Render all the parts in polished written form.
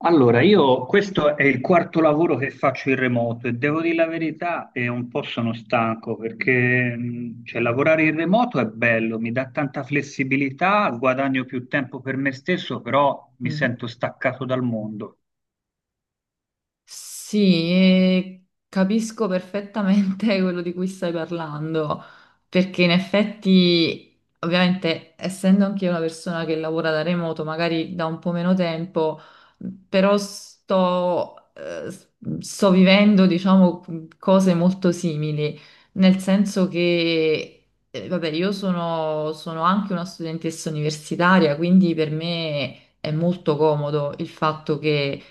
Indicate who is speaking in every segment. Speaker 1: Allora, io questo è il quarto lavoro che faccio in remoto e devo dire la verità, e un po' sono stanco perché cioè, lavorare in remoto è bello, mi dà tanta flessibilità, guadagno più tempo per me stesso, però mi
Speaker 2: Mm.
Speaker 1: sento staccato dal mondo.
Speaker 2: Sì, e capisco perfettamente quello di cui stai parlando, perché in effetti, ovviamente, essendo anche io una persona che lavora da remoto, magari da un po' meno tempo, però sto, sto vivendo, diciamo, cose molto simili, nel senso che, vabbè, io sono anche una studentessa universitaria, quindi per me è molto comodo il fatto che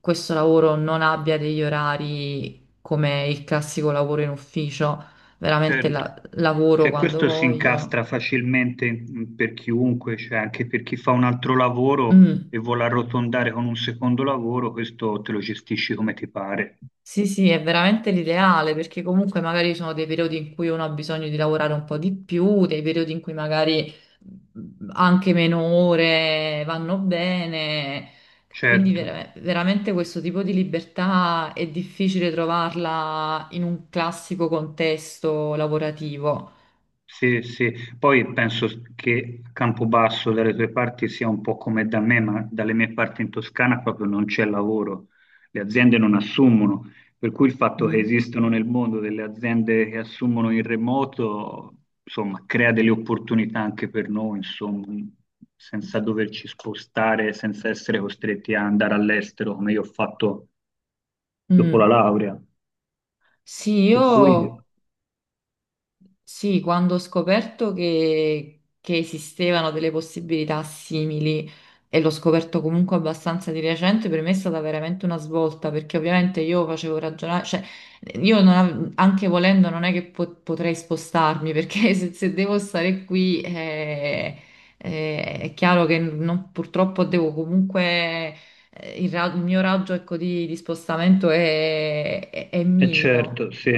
Speaker 2: questo lavoro non abbia degli orari come il classico lavoro in ufficio, veramente
Speaker 1: Certo,
Speaker 2: lavoro
Speaker 1: cioè,
Speaker 2: quando
Speaker 1: questo si
Speaker 2: voglio.
Speaker 1: incastra facilmente per chiunque, cioè, anche per chi fa un altro lavoro
Speaker 2: Mm.
Speaker 1: e vuole arrotondare con un secondo lavoro, questo te lo gestisci come ti pare.
Speaker 2: Sì, sì, è veramente l'ideale perché comunque magari ci sono dei periodi in cui uno ha bisogno di lavorare un po' di più, dei periodi in cui magari anche meno ore vanno bene. Quindi
Speaker 1: Certo.
Speaker 2: veramente questo tipo di libertà è difficile trovarla in un classico contesto lavorativo.
Speaker 1: Sì, sì, poi penso che Campobasso dalle tue parti sia un po' come da me, ma dalle mie parti in Toscana proprio non c'è lavoro, le aziende non assumono, per cui il fatto che
Speaker 2: Mm.
Speaker 1: esistano nel mondo delle aziende che assumono in remoto, insomma, crea delle opportunità anche per noi, insomma, senza doverci spostare, senza essere costretti a andare all'estero come io ho fatto dopo la
Speaker 2: Mm.
Speaker 1: laurea.
Speaker 2: Sì,
Speaker 1: Per cui
Speaker 2: io sì, quando ho scoperto che esistevano delle possibilità simili e l'ho scoperto comunque abbastanza di recente, per me è stata veramente una svolta perché ovviamente io facevo ragionare, cioè io non av- anche volendo non è che potrei spostarmi perché se devo stare qui è chiaro che purtroppo devo comunque il, il mio raggio ecco, di spostamento è
Speaker 1: e
Speaker 2: minimo.
Speaker 1: certo, sì.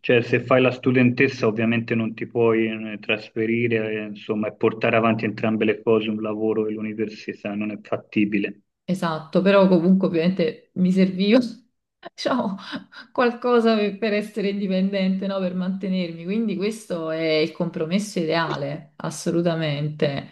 Speaker 1: Cioè, se fai la studentessa ovviamente non ti puoi trasferire, insomma, e portare avanti entrambe le cose, un lavoro e l'università, non è fattibile.
Speaker 2: Esatto, però comunque ovviamente mi serviva, diciamo, qualcosa per essere indipendente, no? Per mantenermi. Quindi questo è il compromesso ideale, assolutamente.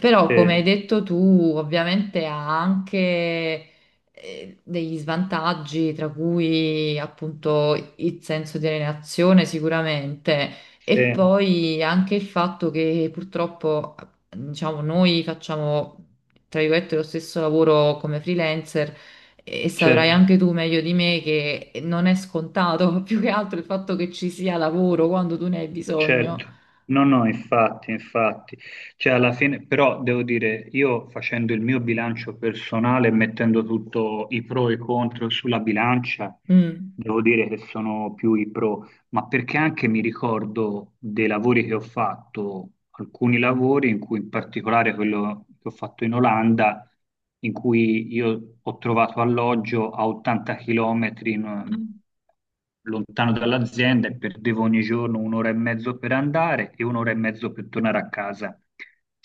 Speaker 2: Però,
Speaker 1: Sì,
Speaker 2: come hai detto tu, ovviamente ha anche degli svantaggi, tra cui appunto il senso di alienazione sicuramente, e
Speaker 1: sì,
Speaker 2: poi anche il fatto che purtroppo, diciamo, noi facciamo tra virgolette, lo stesso lavoro come freelancer e saprai
Speaker 1: certo,
Speaker 2: anche tu meglio di me che non è scontato, più che altro il fatto che ci sia lavoro quando tu ne hai bisogno.
Speaker 1: certo. No, no, infatti, infatti. Cioè, alla fine, però devo dire, io facendo il mio bilancio personale, mettendo tutto i pro e i contro sulla bilancia,
Speaker 2: Mm.
Speaker 1: devo dire che sono più i pro, ma perché anche mi ricordo dei lavori che ho fatto, alcuni lavori, in cui in particolare quello che ho fatto in Olanda, in cui io ho trovato alloggio a 80 km lontano dall'azienda e perdevo ogni giorno un'ora e mezzo per andare e un'ora e mezzo per tornare a casa.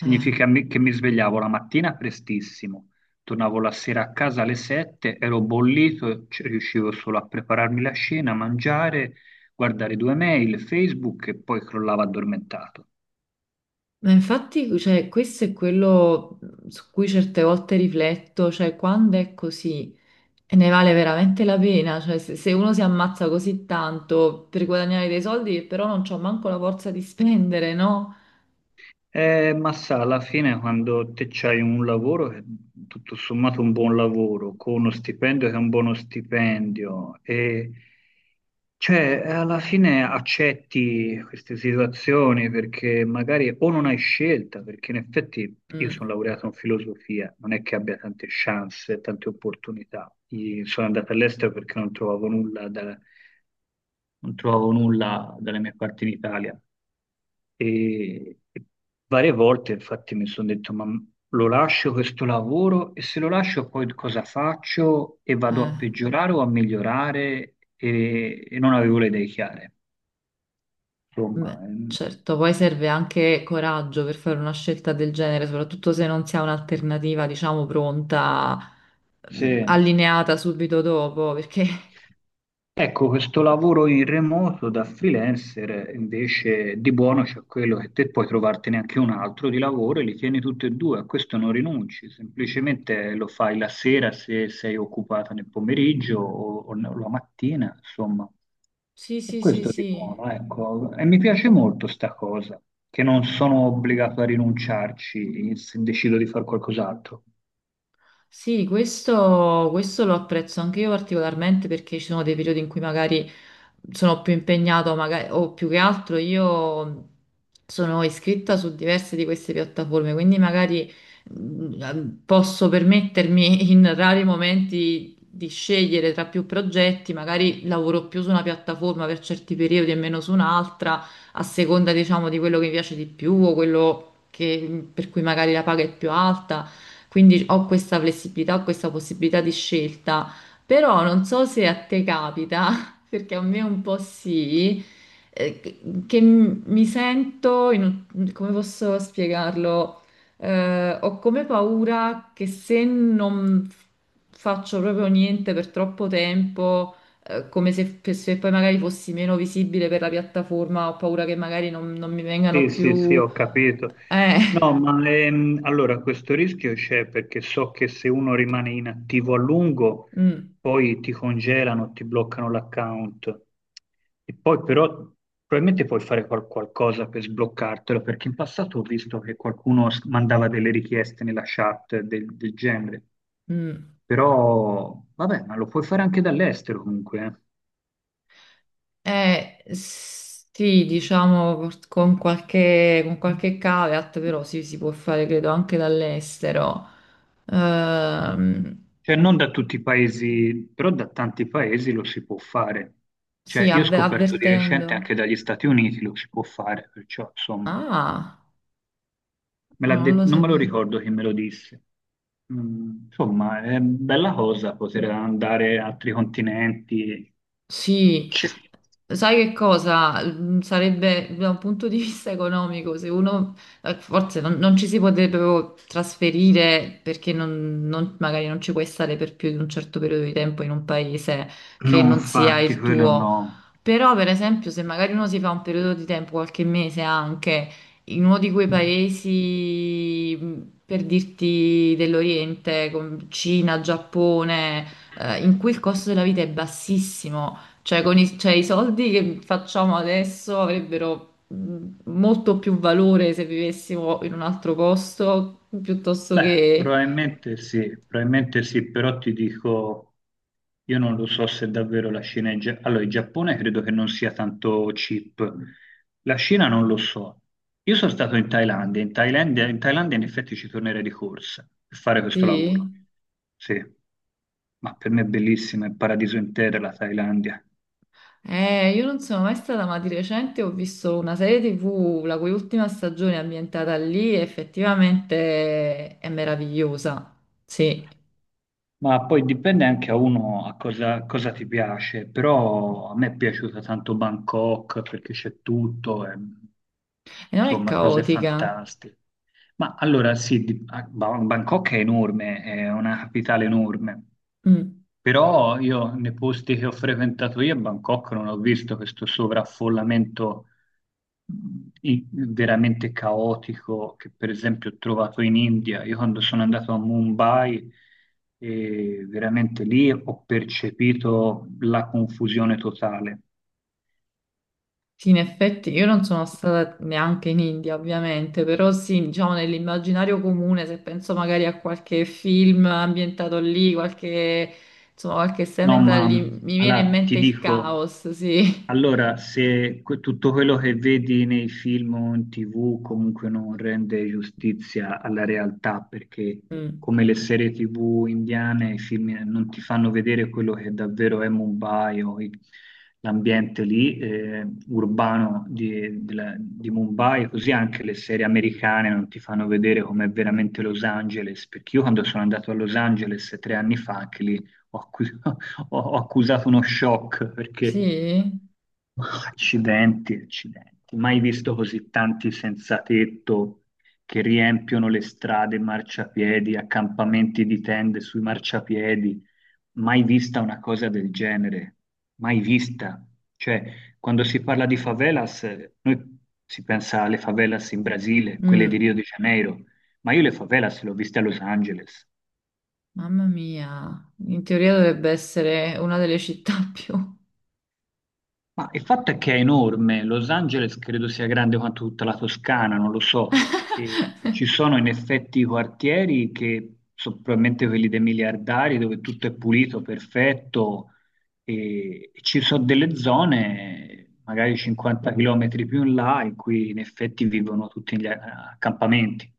Speaker 2: Eh,
Speaker 1: che mi svegliavo la mattina prestissimo, tornavo la sera a casa alle 7, ero bollito, riuscivo solo a prepararmi la cena, a mangiare, guardare due mail, Facebook e poi crollava addormentato.
Speaker 2: ma infatti, cioè, questo è quello su cui certe volte rifletto, cioè quando è così e ne vale veramente la pena, cioè se uno si ammazza così tanto per guadagnare dei soldi che però non c'ho manco la forza di spendere, no?
Speaker 1: Ma sa, alla fine quando te c'hai un lavoro, che è tutto sommato un buon lavoro, con uno stipendio che è un buono stipendio, e cioè alla fine accetti queste situazioni perché magari o non hai scelta, perché in effetti io
Speaker 2: Mm,
Speaker 1: sono laureato in filosofia, non è che abbia tante chance, tante opportunità. Sono andato all'estero perché non trovavo nulla da non trovavo nulla dalle mie parti in Italia. E varie volte, infatti, mi sono detto: ma lo lascio questo lavoro? E se lo lascio, poi cosa faccio? E vado a
Speaker 2: eh.
Speaker 1: peggiorare o a migliorare? E non avevo le idee chiare. Insomma,
Speaker 2: Beh, certo, poi serve anche coraggio per fare una scelta del genere, soprattutto se non si ha un'alternativa, diciamo, pronta,
Speaker 1: sì.
Speaker 2: allineata subito dopo, perché
Speaker 1: Ecco, questo lavoro in remoto da freelancer invece di buono c'è quello che te puoi trovartene anche un altro di lavoro e li tieni tutti e due, a questo non rinunci, semplicemente lo fai la sera se sei occupata nel pomeriggio o no, la mattina, insomma.
Speaker 2: sì,
Speaker 1: E
Speaker 2: sì, sì,
Speaker 1: questo di
Speaker 2: sì.
Speaker 1: buono, ecco. E mi piace molto sta cosa, che non sono obbligato a rinunciarci se decido di fare qualcos'altro.
Speaker 2: Sì, questo lo apprezzo anche io particolarmente perché ci sono dei periodi in cui magari sono più impegnato magari, o più che altro io sono iscritta su diverse di queste piattaforme, quindi magari posso permettermi in rari momenti di scegliere tra più progetti, magari lavoro più su una piattaforma per certi periodi e meno su un'altra, a seconda, diciamo, di quello che mi piace di più o quello per cui magari la paga è più alta. Quindi ho questa flessibilità, ho questa possibilità di scelta. Però non so se a te capita perché a me un po' sì, che, mi sento, in come posso spiegarlo? Ho come paura che se non f- faccio proprio niente per troppo tempo, come se poi magari fossi meno visibile per la piattaforma, ho paura che magari non mi vengano
Speaker 1: Sì, sì, sì,
Speaker 2: più...
Speaker 1: ho capito.
Speaker 2: Eh,
Speaker 1: No, ma allora questo rischio c'è perché so che se uno rimane inattivo a lungo,
Speaker 2: mm,
Speaker 1: poi ti congelano, ti bloccano l'account. E poi però probabilmente puoi fare qualcosa per sbloccartelo, perché in passato ho visto che qualcuno mandava delle richieste nella chat del, del genere.
Speaker 2: mm.
Speaker 1: Però, vabbè, ma lo puoi fare anche dall'estero comunque,
Speaker 2: Sì, diciamo con qualche caveat,
Speaker 1: eh.
Speaker 2: però sì, si può fare credo anche dall'estero. Ehm,
Speaker 1: Cioè, non da tutti i paesi, però da tanti paesi lo si può fare. Cioè,
Speaker 2: sì,
Speaker 1: io ho scoperto di recente
Speaker 2: avvertendo.
Speaker 1: anche dagli Stati Uniti lo si può fare, perciò, insomma,
Speaker 2: Ah, ah, non lo
Speaker 1: non me lo
Speaker 2: sapevo.
Speaker 1: ricordo chi me lo disse. Mm, insomma, è bella cosa poter andare a altri continenti.
Speaker 2: Sì,
Speaker 1: Ci-
Speaker 2: sai che cosa? Mm, sarebbe da un punto di vista economico, se uno forse non ci si potrebbe proprio trasferire perché magari non ci puoi stare per più di un certo periodo di tempo in un paese che
Speaker 1: No,
Speaker 2: non sia
Speaker 1: infatti,
Speaker 2: il
Speaker 1: quello
Speaker 2: tuo.
Speaker 1: no.
Speaker 2: Però, per esempio, se magari uno si fa un periodo di tempo, qualche mese anche, in uno di quei paesi, per dirti dell'Oriente, con Cina, Giappone, in cui il costo della vita è bassissimo, cioè con cioè, i soldi che facciamo adesso avrebbero molto più valore se vivessimo in un altro posto piuttosto
Speaker 1: Beh,
Speaker 2: che...
Speaker 1: probabilmente sì, però ti dico, io non lo so se davvero la Cina è... Allora, il Giappone credo che non sia tanto cheap, la Cina non lo so. Io sono stato in Thailandia, in Thailandia in effetti ci tornerei di corsa per fare questo lavoro,
Speaker 2: Sì.
Speaker 1: sì, ma per me è bellissima, è il paradiso intero la Thailandia.
Speaker 2: Io non sono mai stata, ma di recente ho visto una serie TV, la cui ultima stagione è ambientata lì, e effettivamente è meravigliosa. Sì,
Speaker 1: Ma poi dipende anche a uno a cosa ti piace, però a me è piaciuta tanto Bangkok perché c'è tutto, e,
Speaker 2: e non è
Speaker 1: insomma, cose
Speaker 2: caotica.
Speaker 1: fantastiche. Ma allora sì, Bangkok è enorme, è una capitale enorme,
Speaker 2: Mm.
Speaker 1: però io nei posti che ho frequentato io a Bangkok non ho visto questo sovraffollamento mh, veramente caotico che per esempio ho trovato in India. Io quando sono andato a Mumbai, veramente lì ho percepito la confusione totale.
Speaker 2: Sì, in effetti io non sono stata neanche in India, ovviamente, però sì, diciamo nell'immaginario comune, se penso magari a qualche film ambientato lì, qualche, insomma, qualche serie
Speaker 1: No,
Speaker 2: ambientata
Speaker 1: ma
Speaker 2: lì, mi viene in
Speaker 1: allora ti
Speaker 2: mente il
Speaker 1: dico.
Speaker 2: caos, sì.
Speaker 1: Allora, se tutto quello che vedi nei film o in TV comunque non rende giustizia alla realtà, perché
Speaker 2: Mm.
Speaker 1: come le serie TV indiane, i film non ti fanno vedere quello che davvero è Mumbai l'ambiente lì, urbano di, di Mumbai, così anche le serie americane non ti fanno vedere com'è veramente Los Angeles, perché io quando sono andato a Los Angeles 3 anni fa, anche lì ho accu- ho- ho accusato uno shock perché...
Speaker 2: Sì?
Speaker 1: Accidenti, accidenti. Mai visto così tanti senza tetto che riempiono le strade, marciapiedi, accampamenti di tende sui marciapiedi. Mai vista una cosa del genere. Mai vista. Cioè, quando si parla di favelas, noi si pensa alle favelas in Brasile, quelle di
Speaker 2: Mm.
Speaker 1: Rio de Janeiro, ma io le favelas le ho viste a Los Angeles.
Speaker 2: Mamma mia, in teoria dovrebbe essere una delle città più
Speaker 1: Ma il fatto è che è enorme, Los Angeles credo sia grande quanto tutta la Toscana, non lo so, e ci sono in effetti quartieri che sono probabilmente quelli dei miliardari dove tutto è pulito, perfetto, e ci sono delle zone, magari 50 km più in là, in cui in effetti vivono tutti gli accampamenti.